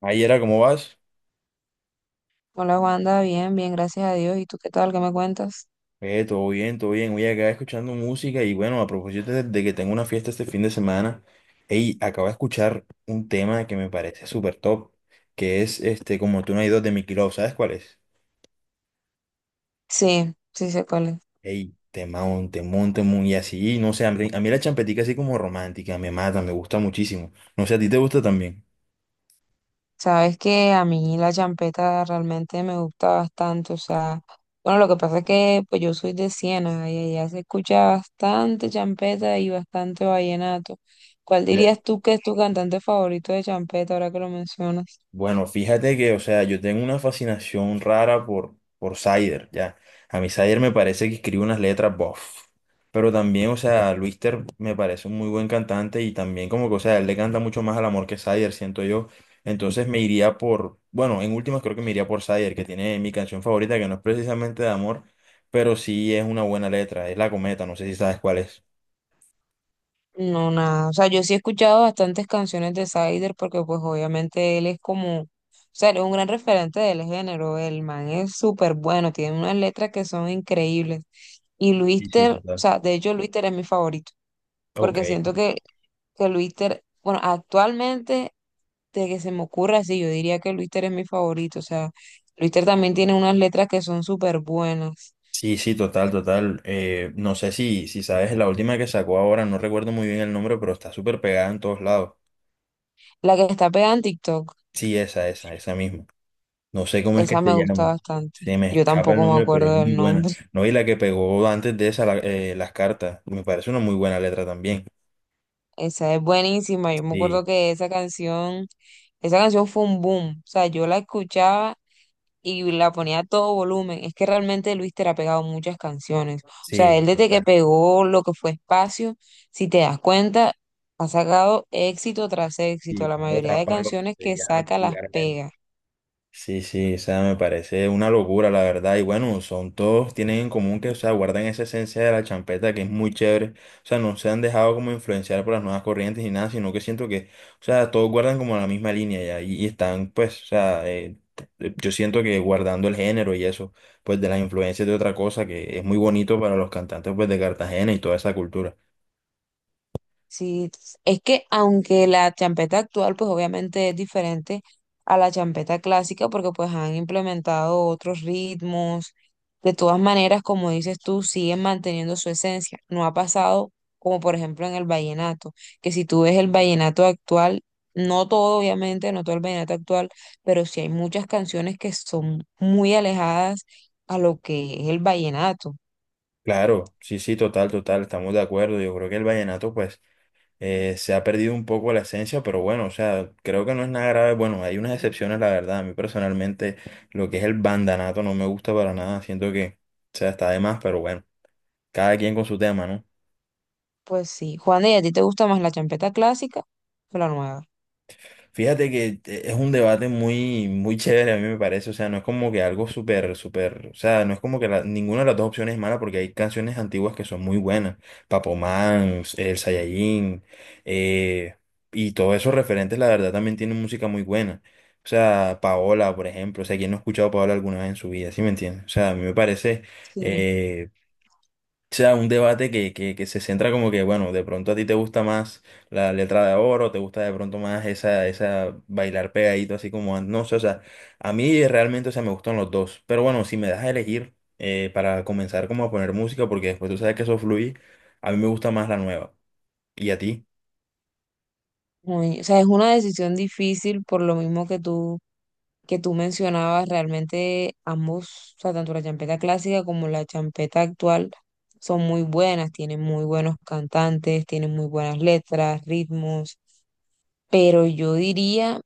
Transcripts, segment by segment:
Ahí era, ¿cómo vas? Hola Wanda, bien, bien, gracias a Dios. ¿Y tú qué tal? ¿Qué me cuentas? Todo bien, todo bien. Oye, acá escuchando música y bueno, a propósito de que tengo una fiesta este fin de semana, ey, acabo de escuchar un tema que me parece súper top, que es este, como tú no hay dos de Mickey Love, ¿sabes cuál es? Sí, sí sé cuál es. Ey, temón, temón, temón, y así, no sé, a mí la champetica así como romántica, me mata, me gusta muchísimo. No sé, ¿a ti te gusta también? Sabes que a mí la champeta realmente me gusta bastante, o sea, bueno, lo que pasa es que pues yo soy de Siena y allá se escucha bastante champeta y bastante vallenato. ¿Cuál dirías tú que es tu cantante favorito de champeta ahora que lo mencionas? Bueno, fíjate que, o sea, yo tengo una fascinación rara por Sider, ya. A mí Sider me parece que escribe unas letras, bof. Pero también, o sea, Luis Ter me parece un muy buen cantante y también como que, o sea, él le canta mucho más al amor que Sider, siento yo. Entonces me iría por, bueno, en últimas creo que me iría por Sider, que tiene mi canción favorita, que no es precisamente de amor, pero sí es una buena letra, es La Cometa, no sé si sabes cuál es. No, nada. O sea, yo sí he escuchado bastantes canciones de Sider porque pues obviamente él es como, o sea, él es un gran referente del género. El man es súper bueno, tiene unas letras que son increíbles. Y Sí, sí, Luister, o total. sea, de hecho Luister es mi favorito Ok. porque siento que Luister, bueno, actualmente de que se me ocurra así, yo diría que Luister es mi favorito. O sea, Luister también tiene unas letras que son súper buenas. Sí, sí, total, total. No sé si sabes, la última que sacó ahora, no recuerdo muy bien el nombre, pero está súper pegada en todos lados. La que está pegada en TikTok. Sí, esa misma. No sé cómo es que Esa se me gusta llama. bastante. Se me Yo escapa el tampoco me nombre, pero es acuerdo del muy buena. nombre. No, y la que pegó antes de esa, las cartas, me parece una muy buena letra también. Esa es buenísima. Yo me Sí, acuerdo que esa canción fue un boom. O sea, yo la escuchaba y la ponía a todo volumen. Es que realmente Luis te ha pegado muchas canciones. O sea, él sí, desde que total. pegó lo que fue Espacio, si te das cuenta, ha sacado éxito tras Sí, éxito. La para mayoría otra de palo, que canciones se que llama saca las vulgarmente. pega. Sí, sí, o sea, me parece una locura, la verdad. Y bueno, son todos, tienen en común que, o sea, guardan esa esencia de la champeta que es muy chévere. O sea, no se han dejado como influenciar por las nuevas corrientes ni nada, sino que siento que, o sea, todos guardan como la misma línea ya. Y están, pues, o sea, yo siento que guardando el género y eso, pues, de las influencias de otra cosa que es muy bonito para los cantantes, pues, de Cartagena y toda esa cultura. Sí, es que aunque la champeta actual pues obviamente es diferente a la champeta clásica porque pues han implementado otros ritmos, de todas maneras como dices tú siguen manteniendo su esencia, no ha pasado como por ejemplo en el vallenato, que si tú ves el vallenato actual, no todo obviamente, no todo el vallenato actual, pero sí hay muchas canciones que son muy alejadas a lo que es el vallenato. Claro, sí, sí, total, total, estamos de acuerdo. Yo creo que el vallenato, pues. Se ha perdido un poco la esencia, pero bueno, o sea, creo que no es nada grave. Bueno, hay unas excepciones, la verdad. A mí personalmente lo que es el bandanato no me gusta para nada. Siento que, o sea, está de más, pero bueno, cada quien con su tema, ¿no? Pues sí, Juan, ¿y a ti te gusta más la champeta clásica o la nueva? Fíjate que es un debate muy, muy chévere, a mí me parece. O sea, no es como que algo súper, súper. O sea, no es como que ninguna de las dos opciones es mala porque hay canciones antiguas que son muy buenas. Papomán, El Saiyajin, eh, y todos esos referentes, la verdad, también tienen música muy buena. O sea, Paola, por ejemplo. O sea, ¿quién no ha escuchado a Paola alguna vez en su vida? ¿Sí me entiendes? O sea, a mí me parece. Sí. eh, o sea, un debate que se centra como que, bueno, de pronto a ti te gusta más la letra de oro, te gusta de pronto más esa bailar pegadito, así como, no sé, o sea, a mí realmente, o sea, me gustan los dos, pero bueno, si me das a elegir para comenzar como a poner música, porque después tú sabes que eso fluye, a mí me gusta más la nueva. ¿Y a ti? O sea, es una decisión difícil por lo mismo que tú mencionabas, realmente ambos, o sea, tanto la champeta clásica como la champeta actual son muy buenas, tienen muy buenos cantantes, tienen muy buenas letras, ritmos, pero yo diría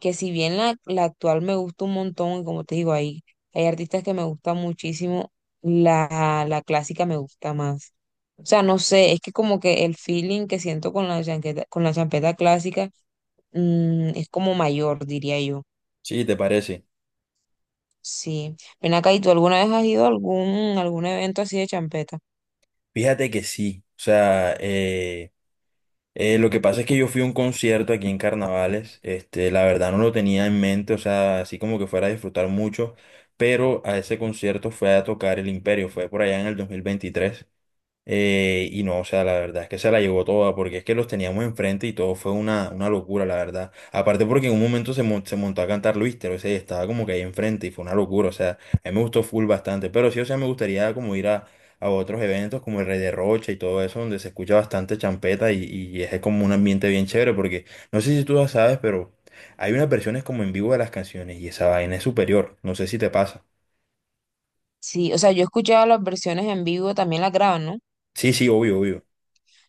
que si bien la actual me gusta un montón, y como te digo, hay artistas que me gustan muchísimo, la clásica me gusta más. O sea, no sé, es que como que el feeling que siento con la champeta clásica, es como mayor, diría yo. Sí, ¿te parece? Sí. Ven acá, ¿y tú alguna vez has ido a algún evento así de champeta? Fíjate que sí, o sea, lo que pasa es que yo fui a un concierto aquí en Carnavales, este, la verdad no lo tenía en mente, o sea, así como que fuera a disfrutar mucho, pero a ese concierto fue a tocar el Imperio, fue por allá en el 2023. Y no, o sea, la verdad es que se la llevó toda, porque es que los teníamos enfrente y todo fue una locura, la verdad. Aparte porque en un momento se montó a cantar Luis, pero ese estaba como que ahí enfrente y fue una locura, o sea, a mí me gustó full bastante, pero sí, o sea, me gustaría como ir a otros eventos como el Rey de Rocha y todo eso, donde se escucha bastante champeta y es como un ambiente bien chévere, porque no sé si tú lo sabes, pero hay unas versiones como en vivo de las canciones y esa vaina es superior, no sé si te pasa. Sí, o sea, yo he escuchado las versiones en vivo, también las graban, ¿no? Sí, sí, obvio, obvio.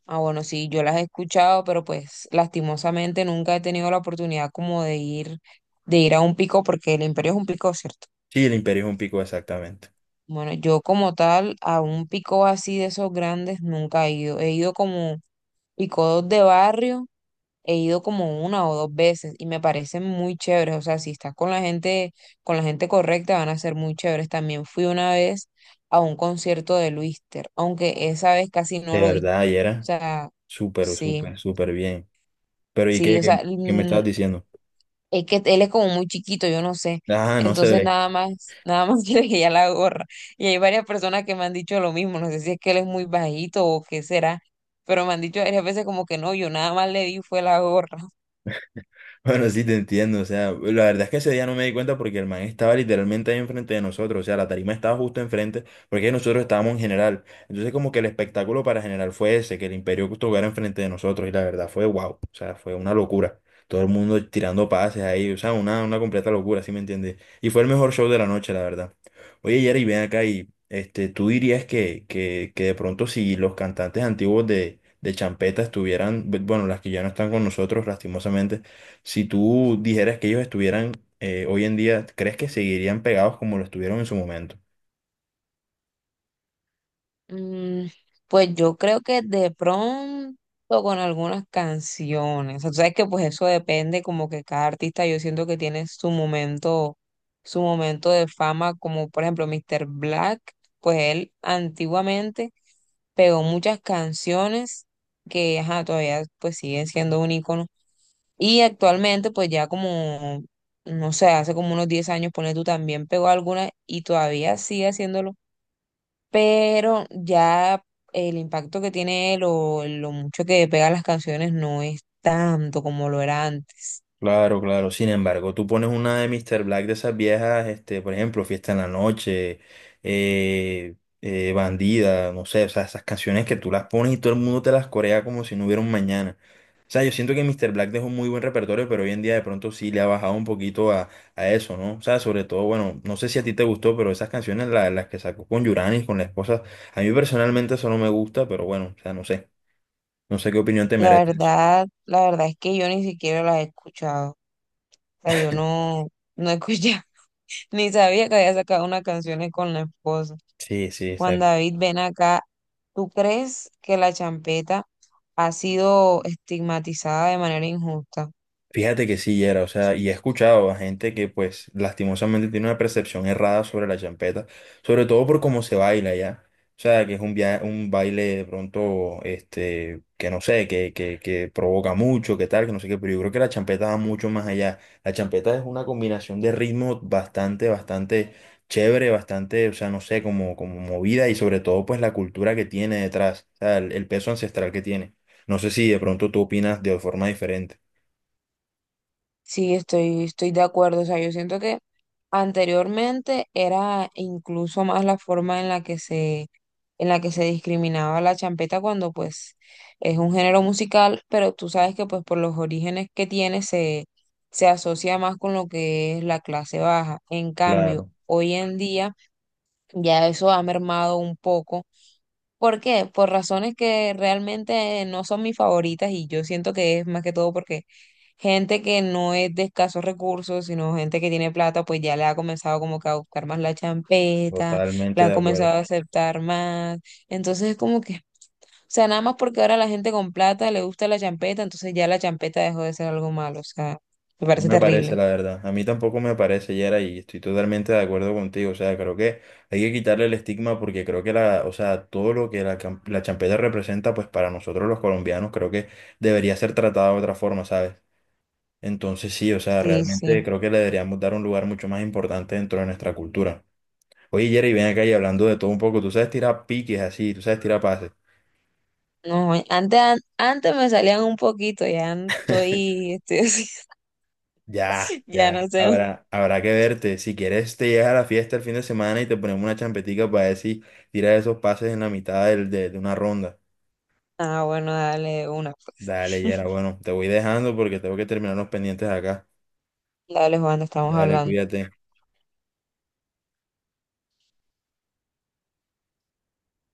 Ah, bueno, sí, yo las he escuchado, pero pues lastimosamente nunca he tenido la oportunidad como de ir a un pico, porque el Imperio es un pico, ¿cierto? Sí, el Imperio es un pico exactamente. Bueno, yo como tal, a un pico así de esos grandes nunca he ido. He ido como picos de barrio he ido como una o dos veces y me parecen muy chéveres. O sea, si estás con la gente correcta, van a ser muy chéveres. También fui una vez a un concierto de Luister, aunque esa vez casi no De lo vi. O verdad, y era. sea, Súper, sí, súper, súper bien. Pero ¿y sí, qué, o qué, sea, qué me estabas diciendo? es que él es como muy chiquito, yo no sé. Ah, no Entonces sé. nada más quiere que le ya la gorra. Y hay varias personas que me han dicho lo mismo. No sé si es que él es muy bajito o qué será, pero me han dicho varias veces como que no, yo nada más le di fue la gorra. Bueno, sí, te entiendo. O sea, la verdad es que ese día no me di cuenta porque el man estaba literalmente ahí enfrente de nosotros. O sea, la tarima estaba justo enfrente porque nosotros estábamos en general. Entonces, como que el espectáculo para general fue ese, que el Imperio estuviera enfrente de nosotros. Y la verdad fue wow. O sea, fue una locura. Todo el mundo tirando pases ahí. O sea, una completa locura, ¿sí me entiendes? Y fue el mejor show de la noche, la verdad. Oye, Jerry, ven acá y este, tú dirías que de pronto si los cantantes antiguos de Champeta estuvieran, bueno, las que ya no están con nosotros, lastimosamente si tú dijeras que ellos estuvieran hoy en día, ¿crees que seguirían pegados como lo estuvieron en su momento? Mm, pues yo creo que de pronto con algunas canciones, o sea, tú sabes que pues eso depende como que cada artista yo siento que tiene su momento de fama, como por ejemplo Mr. Black, pues él antiguamente pegó muchas canciones que ajá, todavía pues siguen siendo un ícono y actualmente pues ya como, no sé, hace como unos 10 años, pone tú también pegó algunas y todavía sigue haciéndolo, pero ya el impacto que tiene él o lo mucho que pega las canciones no es tanto como lo era antes. Claro, claro. Sin embargo, tú pones una de Mr. Black de esas viejas, este, por ejemplo, Fiesta en la Noche, Bandida, no sé, o sea, esas canciones que tú las pones y todo el mundo te las corea como si no hubiera un mañana. O sea, yo siento que Mr. Black dejó un muy buen repertorio, pero hoy en día de pronto sí le ha bajado un poquito a eso, ¿no? O sea, sobre todo, bueno, no sé si a ti te gustó, pero esas canciones, las que sacó con Yuranis, con la esposa, a mí personalmente eso no me gusta, pero bueno, o sea, no sé. No sé qué opinión te La merece eso. verdad, la verdad es que yo ni siquiera las he escuchado. O sea, yo no, no escuché, ni sabía que había sacado unas canciones con la esposa. Sí, sí, está. Juan David, ven acá. ¿Tú crees que la champeta ha sido estigmatizada de manera injusta? Fíjate que sí, era, o sea, y he escuchado a gente que pues lastimosamente tiene una percepción errada sobre la champeta, sobre todo por cómo se baila ya. O sea, que es un baile de pronto, este, que no sé, que provoca mucho, que tal, que no sé qué, pero yo creo que la champeta va mucho más allá. La champeta es una combinación de ritmos bastante, bastante chévere, bastante, o sea, no sé, como movida y sobre todo pues la cultura que tiene detrás, o sea, el peso ancestral que tiene. No sé si de pronto tú opinas de forma diferente. Sí, estoy de acuerdo. O sea, yo siento que anteriormente era incluso más la forma en la que se discriminaba la champeta, cuando pues es un género musical, pero tú sabes que pues por los orígenes que tiene se asocia más con lo que es la clase baja. En cambio, Claro. hoy en día ya eso ha mermado un poco. ¿Por qué? Por razones que realmente no son mis favoritas y yo siento que es más que todo porque gente que no es de escasos recursos, sino gente que tiene plata, pues ya le ha comenzado como que a buscar más la champeta, Totalmente la de han acuerdo. comenzado a aceptar más. Entonces es como que, o sea, nada más porque ahora la gente con plata le gusta la champeta, entonces ya la champeta dejó de ser algo malo, o sea, me No parece me parece, terrible. la verdad. A mí tampoco me parece, Yera, y estoy totalmente de acuerdo contigo. O sea, creo que hay que quitarle el estigma porque creo que la, o sea, todo lo que la champeta representa, pues para nosotros los colombianos, creo que debería ser tratada de otra forma, ¿sabes? Entonces sí, o sea, Sí, realmente sí. creo que le deberíamos dar un lugar mucho más importante dentro de nuestra cultura. Oye, Yera, y ven acá y hablando de todo un poco, tú sabes tirar piques así, tú sabes tirar pases. No, antes me salían un poquito, ya estoy así, Ya, ya ya. no sé. Habrá, habrá que verte. Si quieres, te llegas a la fiesta el fin de semana y te ponemos una champetica para ver si tiras esos pases en la mitad de una ronda. Ah, bueno, dale de una, pues. Dale, Yera. Bueno, te voy dejando porque tengo que terminar los pendientes acá. Dale, Juan, estamos Dale, hablando. cuídate.